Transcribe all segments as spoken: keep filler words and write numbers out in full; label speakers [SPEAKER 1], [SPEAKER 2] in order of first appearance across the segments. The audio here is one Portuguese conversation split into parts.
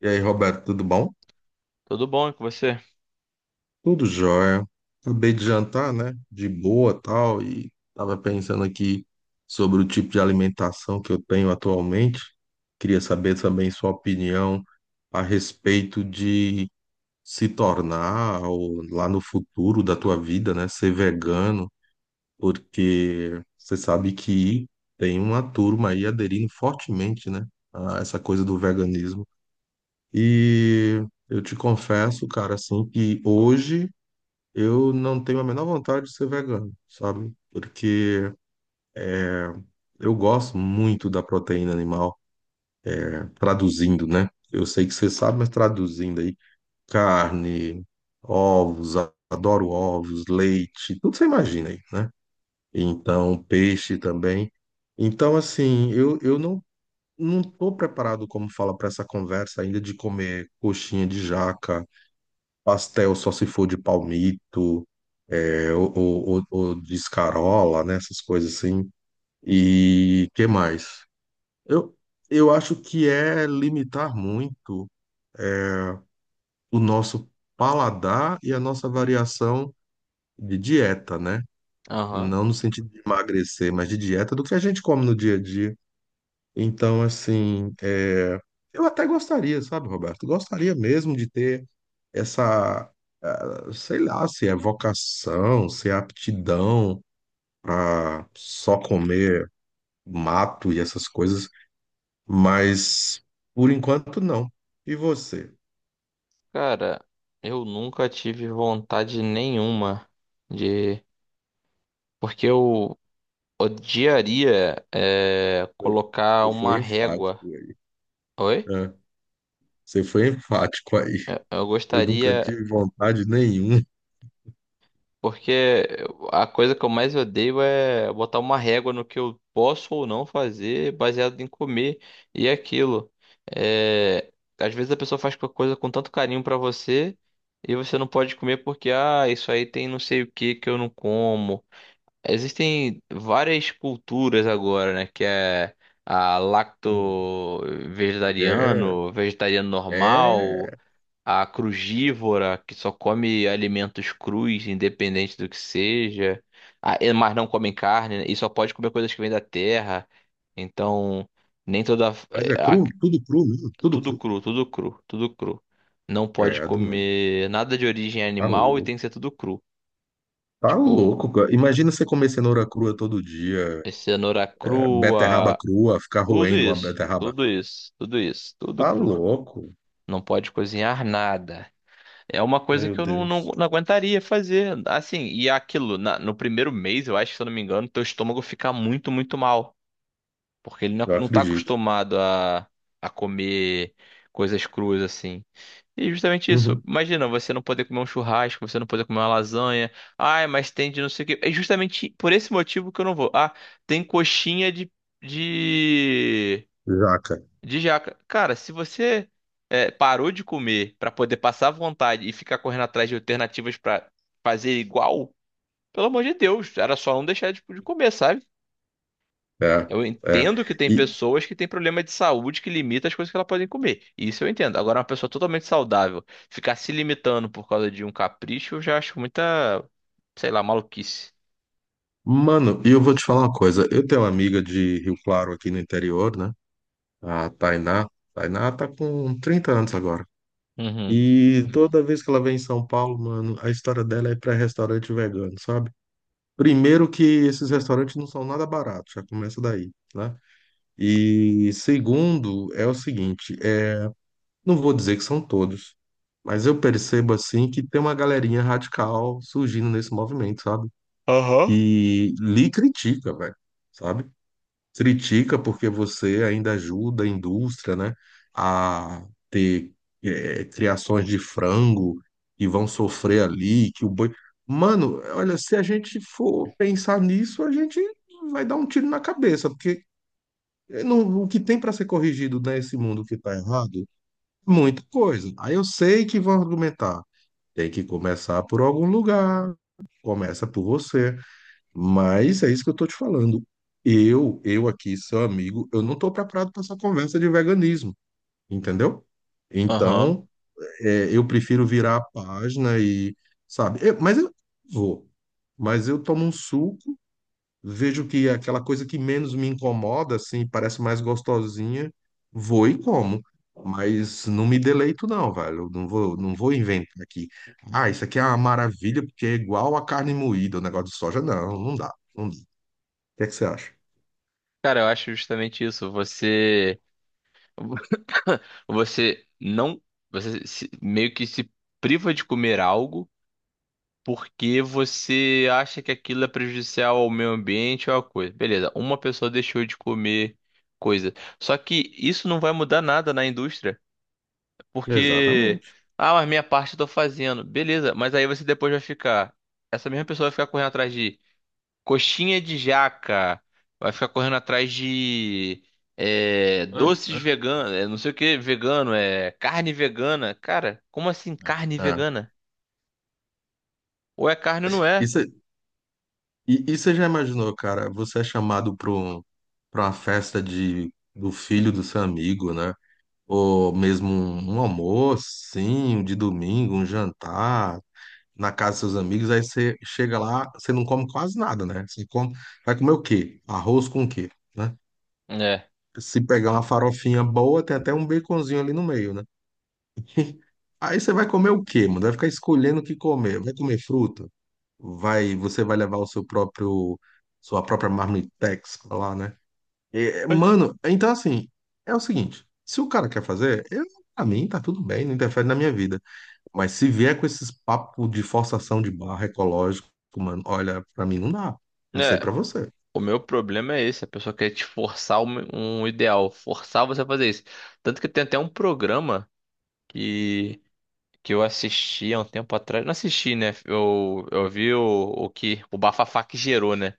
[SPEAKER 1] E aí, Roberto, tudo bom?
[SPEAKER 2] Tudo bom e com você?
[SPEAKER 1] Tudo jóia. Acabei de jantar, né? De boa, tal, e tava pensando aqui sobre o tipo de alimentação que eu tenho atualmente. Queria saber também sua opinião a respeito de se tornar ou, lá no futuro da tua vida, né, ser vegano, porque você sabe que tem uma turma aí aderindo fortemente, né, a essa coisa do veganismo. E eu te confesso, cara, assim, que hoje eu não tenho a menor vontade de ser vegano, sabe? Porque eu gosto muito da proteína animal, traduzindo, né? Eu sei que você sabe, mas traduzindo aí, carne, ovos, a- adoro ovos, leite, tudo você imagina aí, né? Então, peixe também. Então, assim, eu, eu não, não tô preparado, como fala, para essa conversa ainda de comer coxinha de jaca. Pastel só se for de palmito, é, ou, ou, ou- ou de escarola, né? Essas coisas assim. E que mais? Eu, eu acho que é limitar muito o nosso paladar e a nossa variação de dieta, né?
[SPEAKER 2] Aham.
[SPEAKER 1] Não no sentido de emagrecer, mas de dieta do que a gente come no dia a dia. Então, assim, é, eu até gostaria, sabe, Roberto? Gostaria mesmo de ter essa, ah, sei lá, se é vocação, se é aptidão para só comer mato e essas coisas, mas por enquanto não. E você?
[SPEAKER 2] Cara, eu nunca tive vontade nenhuma de. Porque eu odiaria é,
[SPEAKER 1] Foi-
[SPEAKER 2] colocar
[SPEAKER 1] Você
[SPEAKER 2] uma
[SPEAKER 1] foi enfático
[SPEAKER 2] régua.
[SPEAKER 1] aí.
[SPEAKER 2] Oi?
[SPEAKER 1] Né? Você foi enfático aí.
[SPEAKER 2] Eu eu
[SPEAKER 1] Eu nunca
[SPEAKER 2] gostaria.
[SPEAKER 1] tive vontade nenhuma.
[SPEAKER 2] Porque a coisa que eu mais odeio é botar uma régua no que eu posso ou não fazer baseado em comer e aquilo. É, às vezes a pessoa faz uma coisa com tanto carinho pra você e você não pode comer porque, ah, isso aí tem não sei o que que eu não como. Existem várias culturas agora, né? Que é a
[SPEAKER 1] Hum. É,
[SPEAKER 2] lacto-vegetariano, vegetariano normal,
[SPEAKER 1] é,
[SPEAKER 2] a crugívora que só come alimentos crus, independente do que seja, a- e- mas não comem carne, né, e só pode comer coisas que vêm da terra. Então, nem toda
[SPEAKER 1] mas é
[SPEAKER 2] é, a-
[SPEAKER 1] cru, tudo cru mesmo, tudo
[SPEAKER 2] tudo
[SPEAKER 1] cru.
[SPEAKER 2] cru, tudo cru, tudo cru. Não pode
[SPEAKER 1] Credo, mano.
[SPEAKER 2] comer nada de origem
[SPEAKER 1] Tá
[SPEAKER 2] animal e
[SPEAKER 1] louco.
[SPEAKER 2] tem que ser tudo cru.
[SPEAKER 1] Tá
[SPEAKER 2] Tipo,
[SPEAKER 1] louco, cara. Imagina você comer cenoura crua todo dia,
[SPEAKER 2] cenoura
[SPEAKER 1] é, beterraba
[SPEAKER 2] crua,
[SPEAKER 1] crua, ficar
[SPEAKER 2] tudo
[SPEAKER 1] roendo uma
[SPEAKER 2] isso,
[SPEAKER 1] beterraba.
[SPEAKER 2] tudo isso, tudo isso, tudo
[SPEAKER 1] Tá
[SPEAKER 2] cru.
[SPEAKER 1] louco.
[SPEAKER 2] Não pode cozinhar nada. É uma coisa
[SPEAKER 1] Meu
[SPEAKER 2] que eu não, não,
[SPEAKER 1] Deus.
[SPEAKER 2] não aguentaria fazer. Assim, e aquilo, na- no primeiro mês, eu acho, se eu não me engano, teu estômago fica muito, muito mal. Porque ele não,
[SPEAKER 1] Eu
[SPEAKER 2] não tá
[SPEAKER 1] acredito.
[SPEAKER 2] acostumado a, a comer coisas cruas, assim. E justamente isso.
[SPEAKER 1] Uhum.
[SPEAKER 2] Imagina, você não poder comer um churrasco, você não poder comer uma lasanha. Ai, mas tem de não sei o quê. É justamente por esse motivo que eu não vou. Ah, tem coxinha de, de
[SPEAKER 1] Jaca.
[SPEAKER 2] de jaca. Cara, se você é, parou de comer pra poder passar vontade e ficar correndo atrás de alternativas pra fazer igual, pelo amor de Deus, era só não deixar tipo, de comer, sabe?
[SPEAKER 1] É,
[SPEAKER 2] Eu
[SPEAKER 1] é.
[SPEAKER 2] entendo que tem
[SPEAKER 1] E,
[SPEAKER 2] pessoas que têm problema de saúde que limita as coisas que elas podem comer. Isso eu entendo. Agora, uma pessoa totalmente saudável ficar se limitando por causa de um capricho, eu já acho muita, sei lá, maluquice.
[SPEAKER 1] mano, e eu vou te falar uma coisa. Eu tenho uma amiga de Rio Claro aqui no interior, né? A Tainá. Tainá tá com trinta anos agora.
[SPEAKER 2] Uhum.
[SPEAKER 1] E toda vez que ela vem em São Paulo, mano, a história dela é para restaurante vegano, sabe? Primeiro que esses restaurantes não são nada baratos, já começa daí, né? E segundo é o seguinte, é, não vou dizer que são todos, mas eu percebo assim que tem uma galerinha radical surgindo nesse movimento, sabe?
[SPEAKER 2] Aham.
[SPEAKER 1] E lhe critica, velho, sabe? Critica porque você ainda ajuda a indústria, né, a ter eh, criações de frango e vão sofrer ali, que o boi. Mano, olha, se a gente for pensar nisso, a gente vai dar um tiro na cabeça, porque não- o que tem para ser corrigido nesse mundo que tá errado, muita coisa. Aí eu sei que vão argumentar, tem que começar por algum lugar, começa por você. Mas é isso que eu tô te falando. Eu, eu aqui, seu amigo, eu não tô preparado para essa conversa de veganismo, entendeu?
[SPEAKER 2] Aham.
[SPEAKER 1] Então, é, eu prefiro virar a página e, sabe, eu- mas eu vou. Mas eu tomo um suco, vejo que é aquela coisa que menos me incomoda, assim, parece mais gostosinha, vou e como. Mas não me deleito, não, velho. Eu Não vou, não vou, inventar aqui. Ah, isso aqui é uma maravilha, porque é igual a carne moída, o negócio de soja. Não, não dá. Não. Que é que você acha?
[SPEAKER 2] Cara, eu acho justamente isso. Você. Você não, você se- Meio que se priva de comer algo porque você acha que aquilo é prejudicial ao meio ambiente ou a coisa. Beleza, uma pessoa deixou de comer coisa. Só que isso não vai mudar nada na indústria, porque
[SPEAKER 1] Exatamente.
[SPEAKER 2] ah, mas minha parte eu tô fazendo. Beleza, mas aí você depois vai ficar, essa mesma pessoa vai ficar correndo atrás de coxinha de jaca. Vai ficar correndo atrás de é, doces
[SPEAKER 1] É,
[SPEAKER 2] veganos. É, não sei o que, vegano. É carne vegana. Cara, como assim carne
[SPEAKER 1] é, é.
[SPEAKER 2] vegana? Ou é carne ou não
[SPEAKER 1] E
[SPEAKER 2] é?
[SPEAKER 1] você e- e você já imaginou, cara, você é chamado para um, para uma festa de, do filho do seu amigo, né? Ou mesmo um, um almoço, sim, um de domingo, um jantar na casa dos seus amigos, aí você chega lá, você não come quase nada, né? Você come, vai comer o quê? Arroz com o quê, né?
[SPEAKER 2] É.
[SPEAKER 1] Se pegar uma farofinha boa, tem até um baconzinho ali no meio, né? Aí você vai comer o quê, mano? Vai ficar escolhendo o que comer. Vai comer fruta? Vai, você vai levar o seu próprio, sua própria marmitex pra lá, né? E, mano, então assim, é o seguinte, se o cara quer fazer, eu, pra mim tá tudo bem, não interfere na minha vida. Mas se vier com esses papos de forçação de barra ecológico, mano, olha, pra mim não dá. Não sei
[SPEAKER 2] É.
[SPEAKER 1] pra você.
[SPEAKER 2] O meu problema é esse. A pessoa quer te forçar um, um ideal. Forçar você a fazer isso. Tanto que tem até um programa que, que eu assisti há um tempo atrás. Não assisti, né? Eu, eu vi o, o que o bafafá que gerou, né?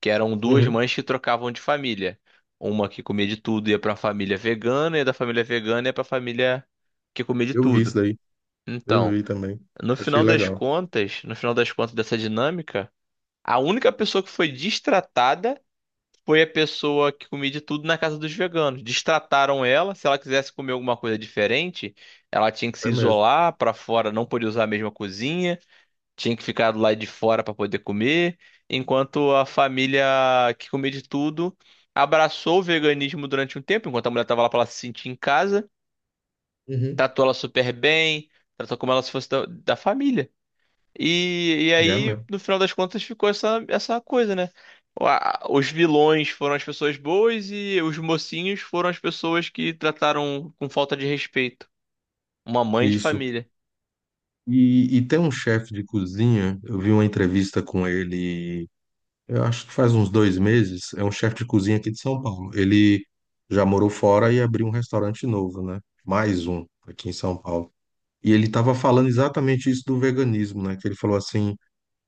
[SPEAKER 2] Que eram duas
[SPEAKER 1] Uhum.
[SPEAKER 2] mães que trocavam de família. Uma que comia de tudo ia pra família vegana, e da família vegana ia pra família que comia de
[SPEAKER 1] Eu vi isso
[SPEAKER 2] tudo.
[SPEAKER 1] daí, eu
[SPEAKER 2] Então,
[SPEAKER 1] vi também.
[SPEAKER 2] no
[SPEAKER 1] Achei
[SPEAKER 2] final das
[SPEAKER 1] legal.
[SPEAKER 2] contas, no final das contas dessa dinâmica, a única pessoa que foi destratada foi a pessoa que comia de tudo na casa dos veganos. Destrataram ela, se ela quisesse comer alguma coisa diferente, ela tinha que se
[SPEAKER 1] Foi mesmo.
[SPEAKER 2] isolar pra fora, não podia usar a mesma cozinha, tinha que ficar do lado de fora para poder comer, enquanto a família que comia de tudo abraçou o veganismo durante um tempo, enquanto a mulher estava lá para ela se sentir em casa,
[SPEAKER 1] Uhum.
[SPEAKER 2] tratou ela super bem, tratou como ela se fosse da, da família. E, e
[SPEAKER 1] E é
[SPEAKER 2] aí,
[SPEAKER 1] mesmo.
[SPEAKER 2] no final das contas, ficou essa, essa coisa, né? O- a- Os vilões foram as pessoas boas e os mocinhos foram as pessoas que trataram com falta de respeito. Uma mãe de
[SPEAKER 1] Isso.
[SPEAKER 2] família.
[SPEAKER 1] E, e tem um chefe de cozinha, eu vi uma entrevista com ele. Eu acho que faz uns dois meses, é um chefe de cozinha aqui de São Paulo. Ele já morou fora e abriu um restaurante novo, né? Mais um aqui em São Paulo. E ele estava falando exatamente isso do veganismo, né? Que ele falou assim: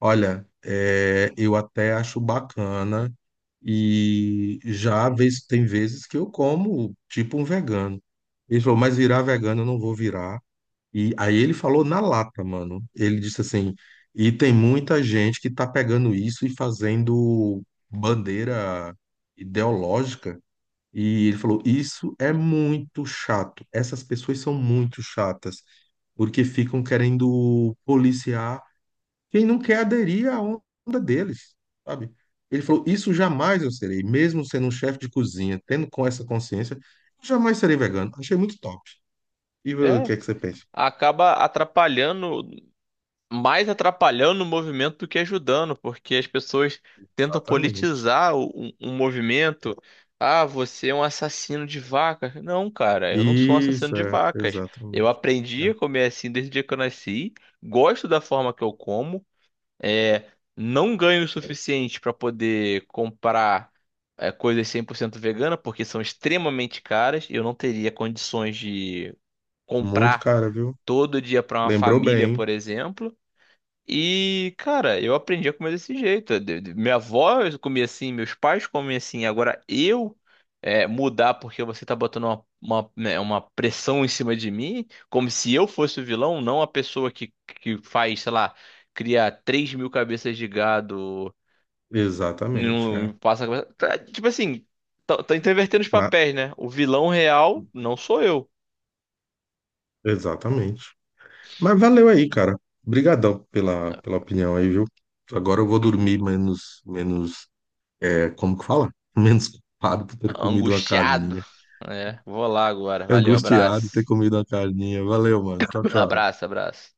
[SPEAKER 1] olha, é, eu até acho bacana e já vez- tem vezes que eu como tipo um vegano. Ele falou, mas virar vegano eu não vou virar. E aí ele falou na lata, mano. Ele disse assim: e tem muita gente que tá pegando isso e fazendo bandeira ideológica. E ele falou: isso é muito chato. Essas pessoas são muito chatas, porque ficam querendo policiar quem não quer aderir à onda deles, sabe? Ele falou: isso jamais eu serei, mesmo sendo um chefe de cozinha, tendo com essa consciência, jamais serei vegano. Achei muito top. E o que
[SPEAKER 2] É,
[SPEAKER 1] é que você pensa?
[SPEAKER 2] acaba atrapalhando mais atrapalhando o movimento do que ajudando, porque as pessoas tentam
[SPEAKER 1] Exatamente.
[SPEAKER 2] politizar o, o- o movimento. Ah, você é um assassino de vacas. Não, cara, eu não sou um assassino
[SPEAKER 1] Isso,
[SPEAKER 2] de
[SPEAKER 1] é,
[SPEAKER 2] vacas. Eu
[SPEAKER 1] exatamente. É.
[SPEAKER 2] aprendi a comer assim desde o dia que eu nasci. Gosto da forma que eu como. É, não ganho o suficiente para poder comprar é, coisas cem por cento vegana, porque são extremamente caras. Eu não teria condições de
[SPEAKER 1] Muito
[SPEAKER 2] comprar
[SPEAKER 1] cara, viu?
[SPEAKER 2] todo dia para uma
[SPEAKER 1] Lembrou
[SPEAKER 2] família,
[SPEAKER 1] bem, hein?
[SPEAKER 2] por exemplo. E, cara, eu aprendi a comer desse jeito. De- de- Minha avó comia assim, meus pais comem assim. Agora eu é, mudar porque você tá botando uma, uma, né, uma pressão em cima de mim, como se eu fosse o vilão, não a pessoa que, que faz, sei lá, cria três mil cabeças de gado,
[SPEAKER 1] Exatamente, é.
[SPEAKER 2] não passa. Tá, tipo assim, tá, tá intervertendo os
[SPEAKER 1] Na-
[SPEAKER 2] papéis, né? O vilão real não sou eu.
[SPEAKER 1] Exatamente. Mas valeu aí, cara. Obrigadão pela, pela opinião aí, viu? Agora eu vou dormir menos, menos, é, como que fala? Menos culpado por ter comido uma
[SPEAKER 2] Angustiado.
[SPEAKER 1] carninha.
[SPEAKER 2] É, vou lá agora. Valeu,
[SPEAKER 1] Angustiado ter
[SPEAKER 2] abraço.
[SPEAKER 1] comido uma carninha. Valeu, mano. Tchau, tchau.
[SPEAKER 2] Abraço, abraço.